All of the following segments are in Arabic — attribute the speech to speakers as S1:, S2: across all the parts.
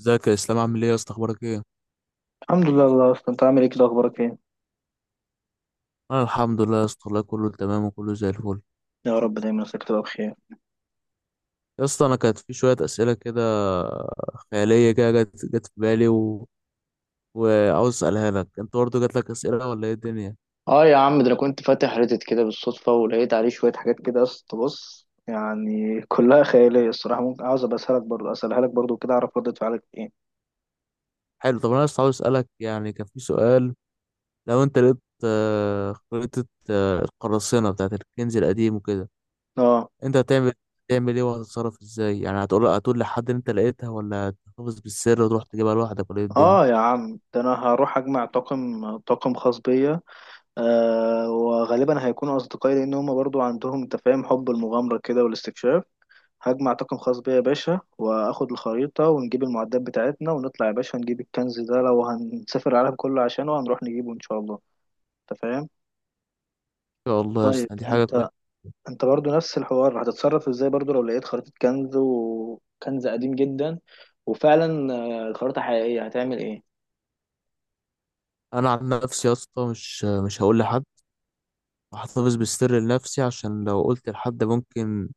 S1: ازيك يا اسلام، عامل ايه يا اسطى؟ اخبارك ايه؟
S2: الحمد لله. الله اصلا انت عامل ايه كده؟ اخبارك ايه؟
S1: انا الحمد لله يا اسطى والله، كله تمام وكله زي الفل.
S2: يا رب دايما نفسك تبقى بخير.
S1: يا اسطى انا كانت في شويه اسئله كده خياليه كده جت في بالي وعاوز اسالها لك. انت برضه جات لك اسئله ولا ايه الدنيا؟
S2: اه يا عم، ده انا كنت فاتح ريدت كده بالصدفة ولقيت عليه شوية حاجات كده است، بص يعني كلها خياليه الصراحه، ممكن عاوز ابقى اسالك برضه، اسالها لك برضه كده اعرف ردة فعلك ايه.
S1: حلو، طب انا بس عاوز اسالك. يعني كان في سؤال، لو انت لقيت خريطه القراصنه بتاعت الكنز القديم وكده،
S2: اه.
S1: انت هتعمل تعمل ايه وهتتصرف ازاي؟ يعني هتقول لحد ان انت لقيتها، ولا هتحتفظ بالسر وتروح تجيبها لوحدك، ولا ايه الدنيا؟
S2: اه يا عم، ده انا هروح اجمع طاقم، خاص بيا، وغالبا هيكونوا اصدقائي لان هم برضه عندهم، انت فاهم، حب المغامره كده والاستكشاف. هجمع طاقم خاص بيا يا باشا، واخد الخريطة ونجيب المعدات بتاعتنا ونطلع يا باشا نجيب الكنز ده، لو هنسافر العالم كله عشانه هنروح نجيبه ان شاء الله. انت فاهم؟
S1: يا الله يا
S2: طيب
S1: اسطى، دي حاجه
S2: انت،
S1: كويسه.
S2: انت برضو نفس الحوار هتتصرف ازاي برضو لو لقيت خريطة كنز، وكنز قديم جدا وفعلا الخريطة حقيقية، هتعمل ايه؟
S1: انا عن نفسي يا اسطى، مش هقول لحد. هحتفظ بالسر لنفسي، عشان لو قلت لحد ممكن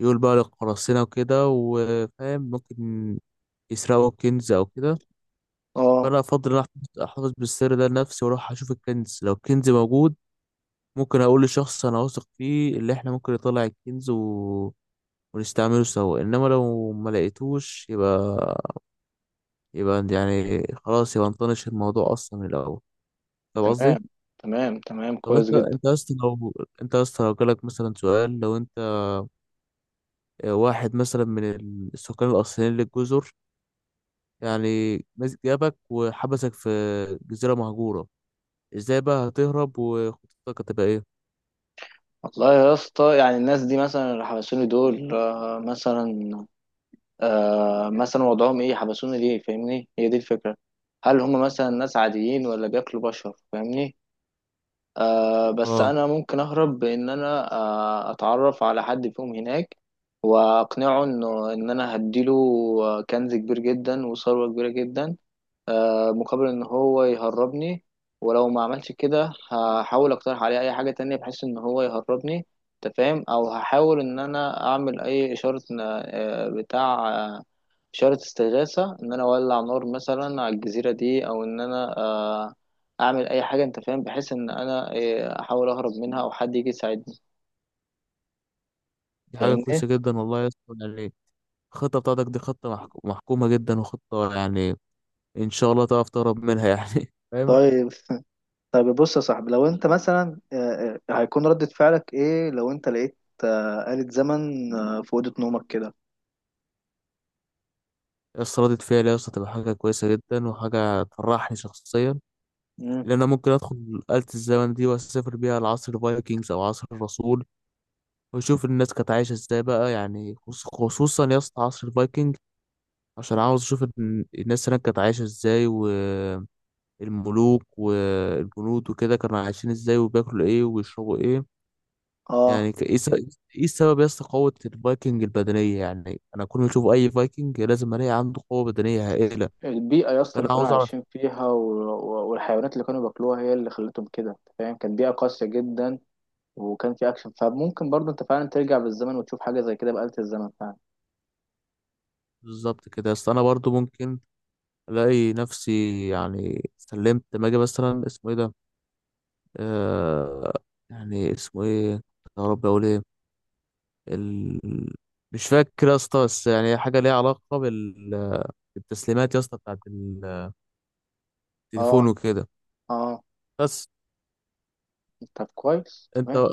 S1: يقول بقى للقراصنة وكده، وفاهم ممكن يسرقوا كنز او كده.
S2: اه.
S1: فانا افضل ان أحتفظ بالسر ده لنفسي واروح اشوف الكنز. لو الكنز موجود ممكن اقول لشخص انا واثق فيه، اللي احنا ممكن نطلع الكنز ونستعمله سوا. انما لو ما لقيتوش، يبقى يعني خلاص يبقى نطنش الموضوع اصلا من الاول. فاهم قصدي؟
S2: تمام. تمام تمام،
S1: طب
S2: كويس
S1: انت،
S2: جدا.
S1: انت يا اسطى لو جالك مثلا سؤال، لو انت واحد مثلا من السكان الاصليين للجزر، يعني مسك جابك وحبسك في جزيرة مهجورة، ازاي بقى هتهرب وخطتك هتبقى ايه؟
S2: والله يا اسطى، يعني الناس دي مثلا اللي حبسوني دول، مثلا مثلا وضعهم ايه؟ حبسونا ليه؟ فاهمني؟ هي دي الفكرة. هل هم مثلا ناس عاديين، ولا بياكلوا بشر؟ فاهمني؟ بس
S1: اه،
S2: انا ممكن اهرب بان انا اتعرف على حد فيهم هناك واقنعه انه ان انا هديله كنز كبير جدا وثروة كبيرة جدا، مقابل ان هو يهربني. ولو ما عملش كده هحاول اقترح عليه اي حاجة تانية بحيث ان هو يهربني، انت فاهم، او هحاول ان انا اعمل اي اشارة، آه، بتاع آه، اشارة استغاثة، ان انا اولع نار مثلا على الجزيرة دي، او ان انا اعمل اي حاجة، انت فاهم، بحيث ان انا احاول اهرب منها، او حد يجي يساعدني.
S1: دي حاجة
S2: فاهمني؟
S1: كويسة جدا والله يا اسطى. يعني الخطة بتاعتك دي خطة محكومة جدا، وخطة يعني ان شاء الله تعرف تهرب منها يعني. فاهم؟
S2: طيب. طيب بص يا صاحبي، لو انت مثلا هيكون ردة فعلك ايه لو انت لقيت آلة زمن في أوضة نومك كده؟
S1: يا اسطى ردة فعلي يا اسطى تبقى حاجة كويسة جدا وحاجة تفرحني شخصيا.
S2: مم.
S1: لأن أنا ممكن أدخل آلة الزمن دي وأسافر بيها لعصر الفايكنجز أو عصر الرسول، وأشوف الناس كانت عايشة إزاي بقى. يعني خصوصا يا اسطى عصر الفايكنج، عشان عاوز أشوف الناس هناك كانت عايشة إزاي، والملوك والجنود وكده كانوا عايشين إزاي وبياكلوا إيه وبيشربوا إيه.
S2: اه.
S1: يعني إيه السبب يا اسطى قوة الفايكنج البدنية؟ يعني أنا كل ما أشوف أي فايكنج لازم ألاقي عنده قوة بدنية هائلة.
S2: البيئة يا اسطى
S1: فأنا
S2: اللي كانوا
S1: عاوز أعرف.
S2: عايشين فيها والحيوانات اللي كانوا بياكلوها هي اللي خلتهم كده، انت فاهم، كانت بيئة قاسية جدا. وكان في أكشن، فممكن برضه أنت فعلا ترجع بالزمن وتشوف حاجة زي كده بآلة الزمن فعلا.
S1: بالظبط كده، أصل أنا برضو ممكن الاقي نفسي يعني سلمت. لما اجي مثلا اسمه ايه ده، آه يعني اسمه ايه، يا رب اقول ايه، ال... مش فاكر يا اسطى، بس يعني حاجه ليها علاقه بالتسليمات يا اسطى، بتاعت
S2: اه.
S1: التليفون وكده.
S2: اه،
S1: بس
S2: طب كويس،
S1: انت،
S2: تمام.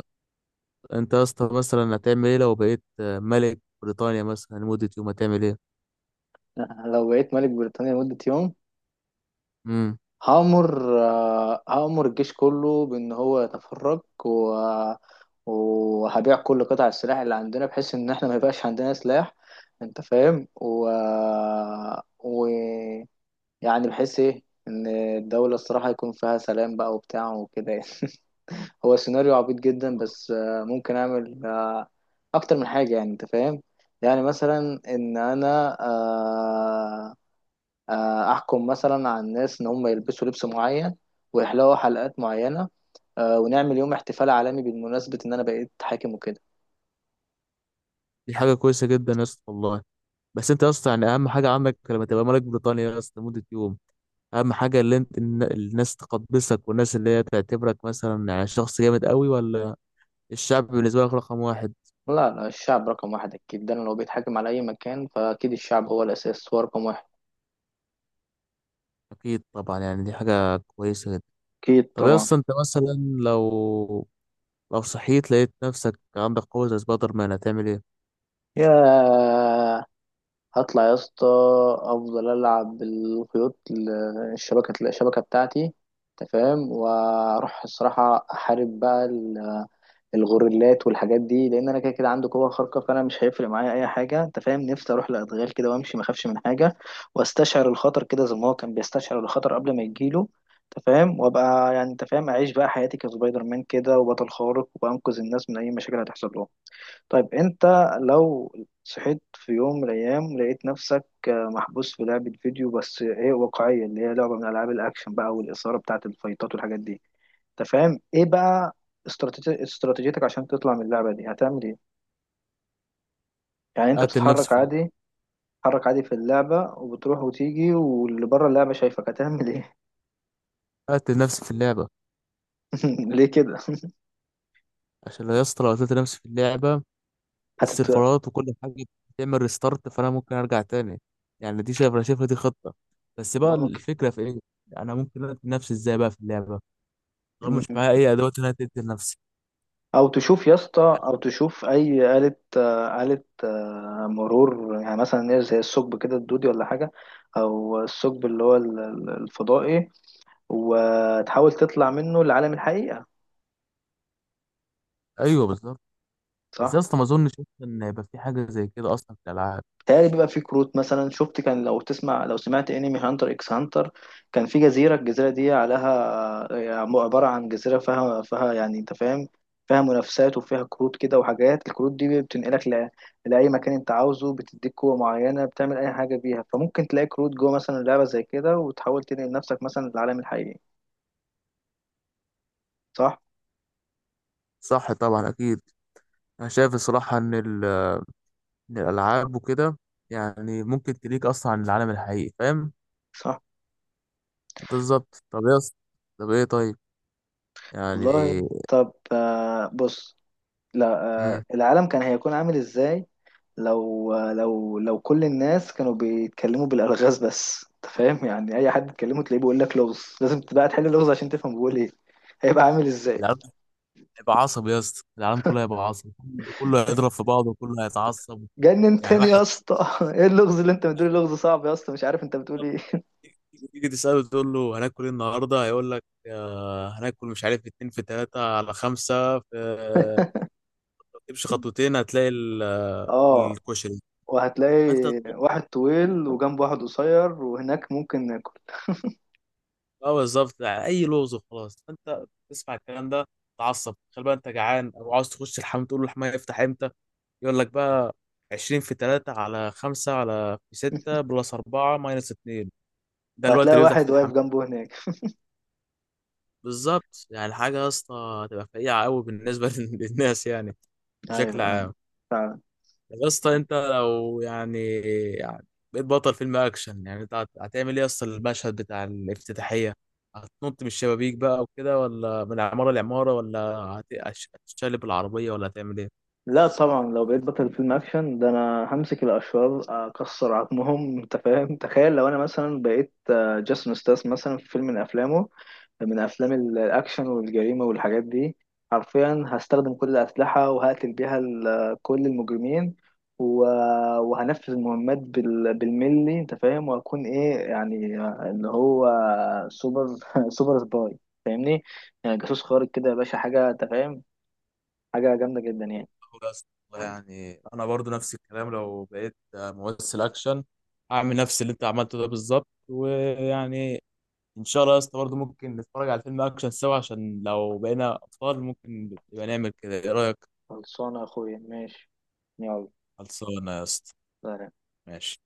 S1: انت يا اسطى مثلا هتعمل ايه لو بقيت ملك بريطانيا مثلا لمده يوم؟ هتعمل ايه؟
S2: أنا لو بقيت ملك بريطانيا لمدة يوم
S1: امم
S2: هأمر، هأمر الجيش كله بإن هو يتفرج، وهبيع كل قطع السلاح اللي عندنا بحيث ان احنا ما يبقاش عندنا سلاح، انت فاهم، و... يعني بحيث ايه، ان الدولة الصراحة يكون فيها سلام بقى وبتاع وكده يعني. هو سيناريو عبيط جدا، بس ممكن اعمل اكتر من حاجة يعني، انت فاهم، يعني مثلا ان انا احكم مثلا على الناس ان هم يلبسوا لبس معين، ويحلقوا حلقات معينة، ونعمل يوم احتفال عالمي بالمناسبة ان انا بقيت حاكم وكده.
S1: دي حاجه كويسه جدا يا اسطى والله. بس انت يا اسطى، يعني اهم حاجه عندك لما تبقى ملك بريطانيا يا اسطى لمده يوم، اهم حاجه اللي انت الناس تقدسك، والناس اللي هي تعتبرك مثلا يعني شخص جامد قوي، ولا الشعب بالنسبه لك رقم واحد؟
S2: لا لا، الشعب رقم واحد أكيد، ده أنا لو بيتحاكم على أي مكان فأكيد الشعب هو الأساس، هو رقم واحد.
S1: اكيد طبعا، يعني دي حاجه كويسه جدا.
S2: اكيد
S1: طب يا
S2: طبعا.
S1: اسطى انت مثلا، لو صحيت لقيت نفسك عندك قوه زي سبايدر مان، هتعمل ايه؟
S2: يا، هطلع يا اسطى. أفضل ألعب بالخيوط الشبكة، بتاعتي، أنت فاهم، وأروح الصراحة أحارب بقى الغوريلات والحاجات دي، لان انا كده كده عندي قوه خارقه، فانا مش هيفرق معايا اي حاجه، انت فاهم، نفسي اروح لادغال كده وامشي ما اخافش من حاجه، واستشعر الخطر كده زي ما هو كان بيستشعر الخطر قبل ما يجيله، انت فاهم، وابقى يعني، انت فاهم، اعيش بقى حياتي كسبايدر مان كده، وبطل خارق وانقذ الناس من اي مشاكل هتحصل لهم. طيب انت لو صحيت في يوم من الايام لقيت نفسك محبوس في لعبه فيديو بس ايه؟ واقعيه، اللي هي لعبه من العاب الاكشن بقى، والاثاره بتاعه الفايتات والحاجات دي، انت فاهم، ايه بقى استراتيجيتك عشان تطلع من اللعبه دي؟ هتعمل ايه؟ يعني انت
S1: قاتل نفسي
S2: بتتحرك
S1: في
S2: عادي، بتتحرك عادي في اللعبه وبتروح وتيجي، واللي بره اللعبه شايفك، هتعمل ايه؟
S1: قاتل نفسي في اللعبه.
S2: ليه كده؟
S1: عشان لو يا اسطى لو قتلت نفسي في اللعبه،
S2: هتت
S1: السيرفرات وكل حاجه بتعمل ريستارت، فانا ممكن ارجع تاني. يعني دي، شايف، انا شايفها دي خطه. بس بقى
S2: ممكن.
S1: الفكره في ايه، انا ممكن اقتل نفسي ازاي بقى في اللعبه؟ طب مش
S2: مم.
S1: معايا اي ادوات ان انا تقتل نفسي.
S2: او تشوف يا اسطى، او تشوف اي آلة آلة مرور يعني، مثلا ايه، زي الثقب كده الدودي ولا حاجه، او الثقب اللي هو الفضائي، وتحاول تطلع منه لعالم الحقيقه.
S1: ايوه، بالظبط. بس
S2: صح.
S1: يا اسطى ما اظنش أصلاً ان يبقى في حاجه زي كده اصلا في الالعاب.
S2: تهيألي بيبقى في كروت مثلا، شفت كان، لو تسمع، لو سمعت انمي هانتر اكس هانتر، كان في جزيرة، الجزيرة دي عليها عبارة عن جزيرة فيها، فيها يعني انت فاهم، فيها منافسات وفيها كروت كده وحاجات، الكروت دي بتنقلك لأي مكان انت عاوزه، بتديك قوة معينة بتعمل أي حاجة بيها، فممكن تلاقي كروت جوه مثلا لعبة زي كده وتحاول تنقل نفسك مثلا للعالم الحقيقي. صح.
S1: صح طبعا، اكيد. انا شايف الصراحه ان إن الالعاب وكده يعني ممكن تليك اصلا عن العالم الحقيقي، فاهم؟
S2: صح.
S1: بالظبط. طب يا اسطى، طب ايه، طيب يعني.
S2: والله طب، بص. لا.
S1: امم
S2: العالم كان هيكون عامل ازاي لو كل الناس كانوا بيتكلموا بالالغاز بس؟ انت فاهم يعني، اي حد تكلمه تلاقيه بيقول لك لغز لازم تبقى تحل اللغز عشان تفهم بيقول ايه. هيبقى عامل ازاي؟
S1: العالم هيبقى عصبي يا اسطى، العالم كله هيبقى عصبي، كله، كله هيضرب في بعضه وكله هيتعصب.
S2: جنن
S1: يعني
S2: تاني يا
S1: واحد
S2: اسطى. ايه اللغز اللي انت بتقول؟ لغز صعب يا اسطى، مش عارف انت بتقول ايه.
S1: تيجي تسأله تقول له هناكل ايه النهارده، هيقول لك هناكل مش عارف، اتنين في تلاتة على خمسة، في تمشي خطوتين هتلاقي
S2: اه.
S1: الكشري،
S2: وهتلاقي
S1: فانت تطلب.
S2: واحد طويل وجنبه واحد قصير، وهناك ممكن ناكل.
S1: اه بالظبط، اي لوز وخلاص. فانت تسمع الكلام ده تعصب. تخيل بقى انت جعان او عاوز تخش الحمام، تقول له الحمام يفتح امتى، يقول لك بقى 20 في 3 على 5 على في 6 بلس 4 ماينس 2، ده الوقت
S2: وهتلاقي
S1: اللي بيفتح في
S2: واحد واقف
S1: الحمام.
S2: جنبه هناك.
S1: بالظبط. يعني حاجه يا اسطى هتبقى فقيعه قوي بالنسبه للناس يعني، بشكل
S2: ايوه،
S1: عام.
S2: فعلا.
S1: يا اسطى انت لو يعني، يعني بقيت بطل فيلم اكشن، يعني انت هتعمل ايه يا اسطى المشهد بتاع الافتتاحيه؟ هتنط من الشبابيك بقى وكده، ولا من عماره لعماره، ولا هتشقلب العربيه، ولا هتعمل ايه؟
S2: لا طبعا، لو بقيت بطل فيلم اكشن، ده انا همسك الاشرار اكسر عظمهم. انت فاهم، تخيل لو انا مثلا بقيت جاسون ستاس مثلا في فيلم من افلامه، من افلام الاكشن والجريمه والحاجات دي، حرفيا هستخدم كل الاسلحه وهقتل بيها كل المجرمين، و- وهنفذ المهمات بالملي، انت فاهم، وهكون ايه يعني، اللي هو سوبر، سوبر سباي، فاهمني؟ يعني جاسوس خارق كده يا باشا، حاجه انت فاهم، حاجه جامده جدا يعني.
S1: أقول يا اسطى والله، يعني انا برضو نفس الكلام، لو بقيت ممثل اكشن هعمل نفس اللي انت عملته ده بالظبط. ويعني ان شاء الله يا اسطى برضو ممكن نتفرج على فيلم اكشن سوا، عشان لو بقينا اطفال ممكن يبقى نعمل كده. ايه رايك؟
S2: خلصانة يا أخويا، ماشي. يلا.
S1: خلصانه يا اسطى،
S2: سلام.
S1: ماشي.